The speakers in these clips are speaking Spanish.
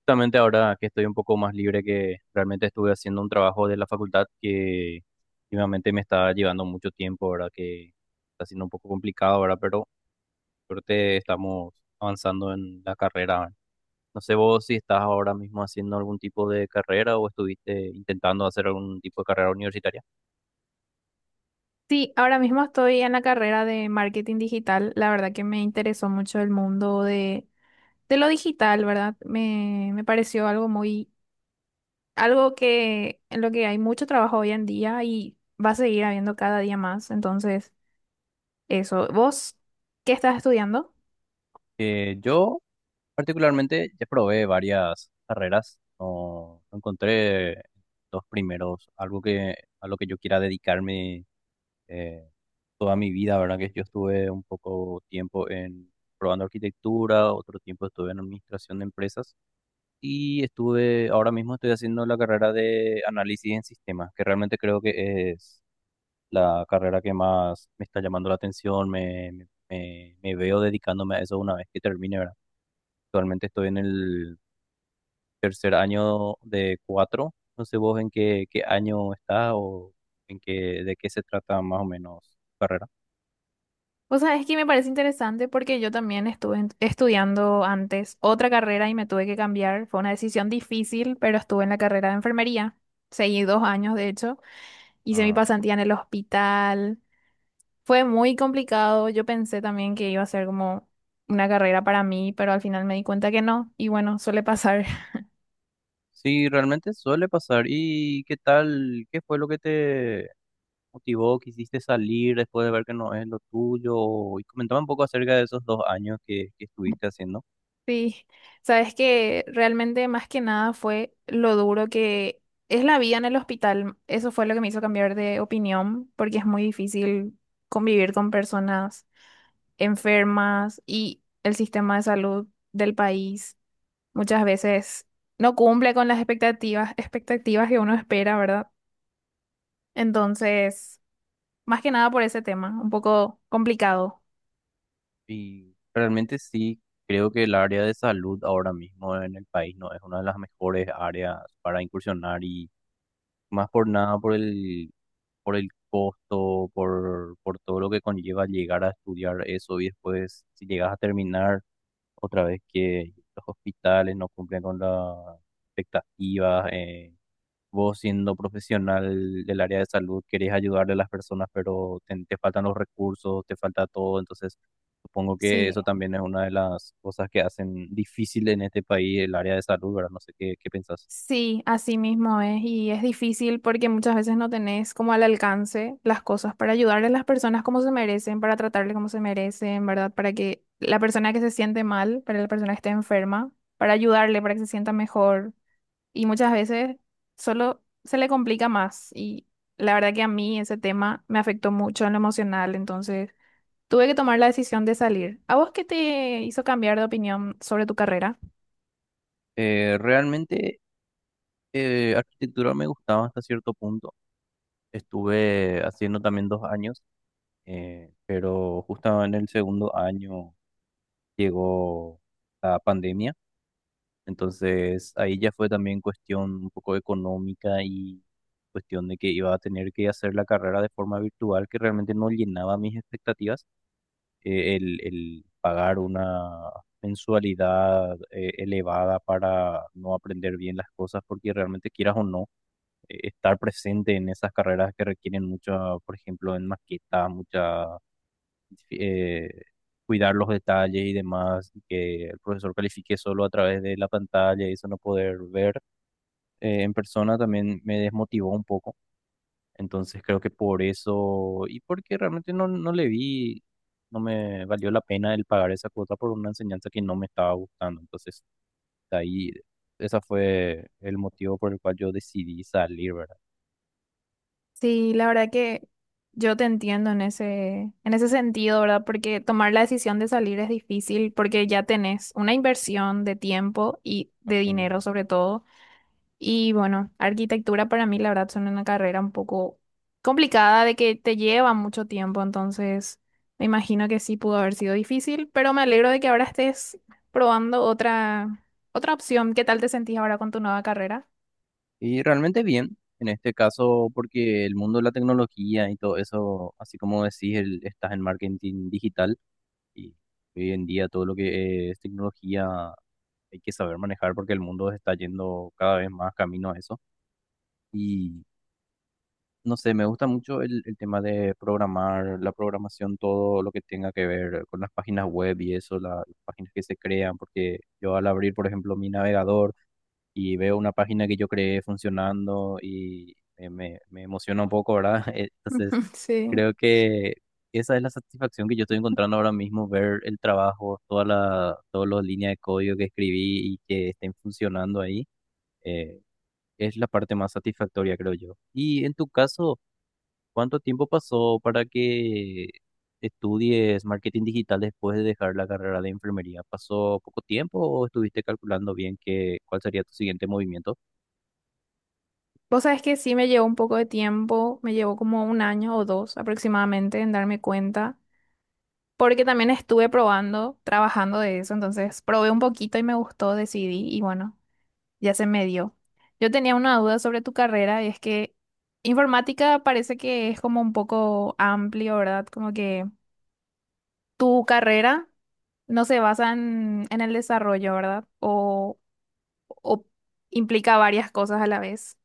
Justamente ahora que estoy un poco más libre, que realmente estuve haciendo un trabajo de la facultad que últimamente me está llevando mucho tiempo, ¿verdad? Que está siendo un poco complicado, ¿verdad? Pero creo que estamos avanzando en la carrera, ¿verdad? No sé vos si estás ahora mismo haciendo algún tipo de carrera o estuviste intentando hacer algún tipo de carrera universitaria. Sí, ahora mismo estoy en la carrera de marketing digital. La verdad que me interesó mucho el mundo de lo digital, ¿verdad? Me pareció algo que en lo que hay mucho trabajo hoy en día y va a seguir habiendo cada día más. Entonces, eso. ¿Vos qué estás estudiando? Yo particularmente ya probé varias carreras. No encontré los primeros, algo que a lo que yo quiera dedicarme eh, toda mi vida, ¿verdad? Que yo estuve un poco tiempo en probando arquitectura, otro tiempo estuve en administración de empresas y estuve, ahora mismo estoy haciendo la carrera de análisis en sistemas, que realmente creo que es la carrera que más me está llamando la atención, me veo dedicándome a eso una vez que termine, ¿verdad? Actualmente estoy en el tercer año de cuatro, no sé vos en qué año estás o en qué, de qué se trata más o menos tu carrera. O sea, es que me parece interesante porque yo también estudiando antes otra carrera y me tuve que cambiar. Fue una decisión difícil, pero estuve en la carrera de enfermería. Seguí 2 años, de hecho. Hice mi Ah. pasantía en el hospital. Fue muy complicado. Yo pensé también que iba a ser como una carrera para mí, pero al final me di cuenta que no. Y bueno, suele pasar. Sí, realmente suele pasar. ¿Y qué tal? ¿Qué fue lo que te motivó? ¿Quisiste salir después de ver que no es lo tuyo? Y comentaba un poco acerca de esos dos años que estuviste haciendo. Sí, sabes que realmente más que nada fue lo duro que es la vida en el hospital. Eso fue lo que me hizo cambiar de opinión, porque es muy difícil convivir con personas enfermas y el sistema de salud del país muchas veces no cumple con las expectativas, expectativas que uno espera, ¿verdad? Entonces, más que nada por ese tema, un poco complicado. Y realmente sí, creo que el área de salud ahora mismo en el país no es una de las mejores áreas para incursionar y más por nada por por el costo, por todo lo que conlleva llegar a estudiar eso y después si llegas a terminar otra vez que los hospitales no cumplen con las expectativas. Vos siendo profesional del área de salud querés ayudarle a las personas, pero te faltan los recursos, te falta todo. Entonces, supongo que Sí, eso también es una de las cosas que hacen difícil en este país el área de salud, ¿verdad? No sé qué pensás. sí, así mismo es. Y es difícil porque muchas veces no tenés como al alcance las cosas para ayudar a las personas como se merecen, para tratarles como se merecen, ¿verdad? Para que la persona que se siente mal, para la persona que esté enferma, para ayudarle, para que se sienta mejor. Y muchas veces solo se le complica más. Y la verdad que a mí ese tema me afectó mucho en lo emocional, entonces... Tuve que tomar la decisión de salir. ¿A vos qué te hizo cambiar de opinión sobre tu carrera? Realmente, arquitectura me gustaba hasta cierto punto. Estuve haciendo también dos años, pero justo en el segundo año llegó la pandemia, entonces ahí ya fue también cuestión un poco económica y cuestión de que iba a tener que hacer la carrera de forma virtual, que realmente no llenaba mis expectativas. El pagar una mensualidad elevada para no aprender bien las cosas, porque realmente quieras o no, estar presente en esas carreras que requieren mucha, por ejemplo, en maqueta, mucha, eh, cuidar los detalles y demás, y que el profesor califique solo a través de la pantalla y eso no poder ver en persona también me desmotivó un poco. Entonces creo que por eso y porque realmente no le vi, no me valió la pena el pagar esa cuota por una enseñanza que no me estaba gustando. Entonces, de ahí, ese fue el motivo por el cual yo decidí salir, ¿verdad? Sí, la verdad que yo te entiendo en ese sentido, ¿verdad? Porque tomar la decisión de salir es difícil porque ya tenés una inversión de tiempo y de Así dinero mismo. sobre todo. Y bueno, arquitectura para mí, la verdad, son una carrera un poco complicada, de que te lleva mucho tiempo, entonces me imagino que sí pudo haber sido difícil, pero me alegro de que ahora estés probando otra opción. ¿Qué tal te sentís ahora con tu nueva carrera? Y realmente bien, en este caso, porque el mundo de la tecnología y todo eso, así como decís, el- estás en marketing digital y hoy en día todo lo que es tecnología hay que saber manejar porque el mundo está yendo cada vez más camino a eso. Y no sé, me gusta mucho el tema de programar, la programación, todo lo que tenga que ver con las páginas web y eso, la- las páginas que se crean, porque yo al abrir, por ejemplo, mi navegador, y veo una página que yo creé funcionando y me emociona un poco, ¿verdad? Entonces, Sí. creo que esa es la satisfacción que yo estoy encontrando ahora mismo, ver el trabajo, todas las líneas de código que escribí y que estén funcionando ahí. eh, es la parte más satisfactoria, creo yo. Y en tu caso, ¿cuánto tiempo pasó para que estudies marketing digital después de dejar la carrera de enfermería? ¿Pasó poco tiempo o estuviste calculando bien qué, cuál sería tu siguiente movimiento? Vos sabés que sí me llevó un poco de tiempo, me llevó como un año o dos aproximadamente en darme cuenta, porque también estuve probando, trabajando de eso, entonces probé un poquito y me gustó, decidí y bueno. Ya se me dio. Yo tenía una duda sobre tu carrera y es que informática parece que es como un poco amplio, ¿verdad? Como que tu carrera no se basa en el desarrollo, ¿verdad? O implica varias cosas a la vez.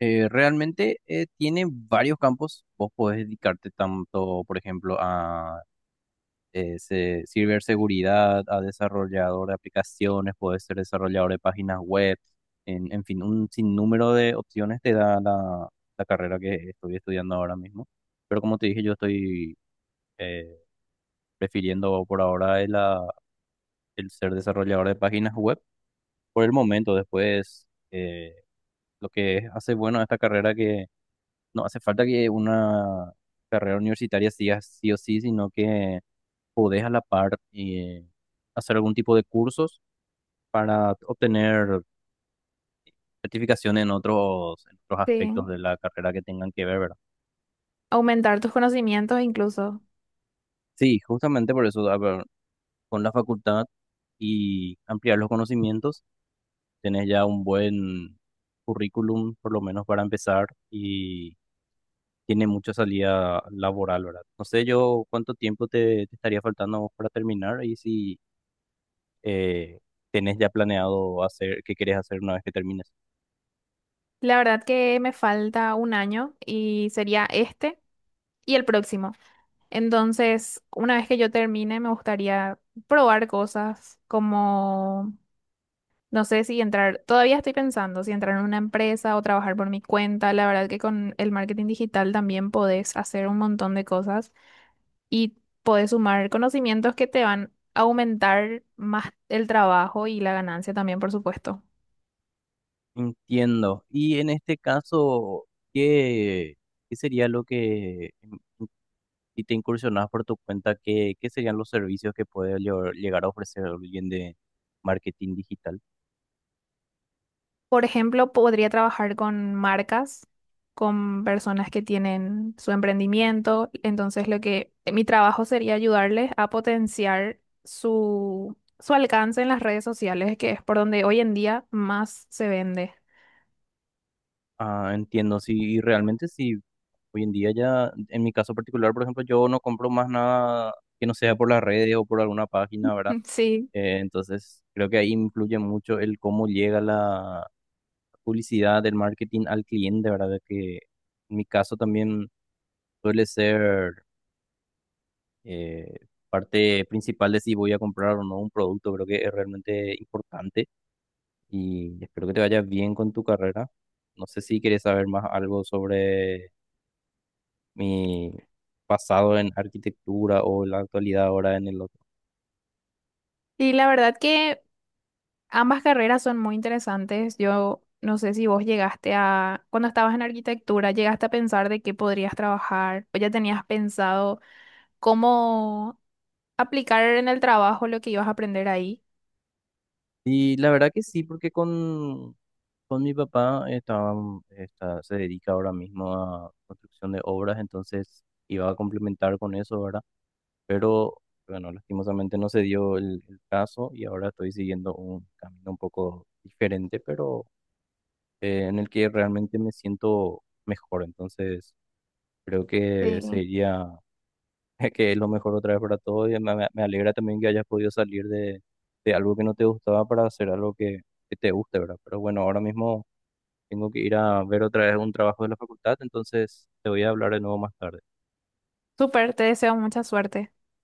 Realmente tiene varios campos. Vos podés dedicarte tanto, por ejemplo, a ciberseguridad, a desarrollador de aplicaciones, puede ser desarrollador de páginas web, en fin, un sinnúmero de opciones te da la carrera que estoy estudiando ahora mismo. Pero como te dije, yo estoy eh, prefiriendo por ahora el ser desarrollador de páginas web por el momento. Después, lo que hace bueno a esta carrera que no hace falta que una carrera universitaria siga sí o sí, sino que podés a la par hacer algún tipo de cursos para obtener certificación en otros aspectos Sí. de la carrera que tengan que ver, ¿verdad? Aumentar tus conocimientos incluso. Sí, justamente por eso, a ver, con la facultad y ampliar los conocimientos, tenés ya un buen currículum, por lo menos para empezar, y tiene mucha salida laboral, ¿verdad? No sé yo cuánto tiempo te estaría faltando a vos para terminar y si eh, tenés ya planeado hacer qué querés hacer una vez que termines. La verdad que me falta un año y sería este y el próximo. Entonces, una vez que yo termine, me gustaría probar cosas como... No sé si entrar, todavía estoy pensando si entrar en una empresa o trabajar por mi cuenta. La verdad que con el marketing digital también podés hacer un montón de cosas y podés sumar conocimientos que te van a aumentar más el trabajo y la ganancia también, por supuesto. Entiendo. Y en este caso, ¿qué, qué sería lo que, si te incursionas por tu cuenta, qué, qué serían los servicios que puede llevar- llegar a ofrecer alguien de marketing digital? Por ejemplo, podría trabajar con marcas, con personas que tienen su emprendimiento. Entonces, lo que mi trabajo sería ayudarles a potenciar su, su alcance en las redes sociales, que es por donde hoy en día más se vende. Ah, entiendo. Sí, y realmente sí, hoy en día ya, en mi caso particular, por ejemplo, yo no compro más nada que no sea por las redes o por alguna página, ¿verdad? Sí. Entonces, creo que ahí influye mucho el cómo llega la publicidad del marketing al cliente, ¿verdad? Que en mi caso también suele ser eh, parte principal de si voy a comprar o no un producto. Creo que es realmente importante y espero que te vaya bien con tu carrera. No sé si quieres saber más algo sobre mi pasado en arquitectura o la actualidad ahora en el otro. Y la verdad que ambas carreras son muy interesantes. Yo no sé si vos llegaste a, cuando estabas en arquitectura, llegaste a pensar de qué podrías trabajar, o ya tenías pensado cómo aplicar en el trabajo lo que ibas a aprender ahí. Y la verdad que sí, porque con mi papá estaba, está- se dedica ahora mismo a construcción de obras, entonces iba a complementar con eso, ¿verdad? Pero bueno, lastimosamente no se dio el caso y ahora estoy siguiendo un camino un poco diferente, pero en el que realmente me siento mejor. Entonces, creo que Sí. sería que es lo mejor otra vez para todos y me alegra también que hayas podido salir de algo que no te gustaba para hacer algo que te guste, ¿verdad? Pero bueno, ahora mismo tengo que ir a ver otra vez un trabajo de la facultad, entonces te voy a hablar de nuevo más tarde. Súper, te deseo mucha suerte.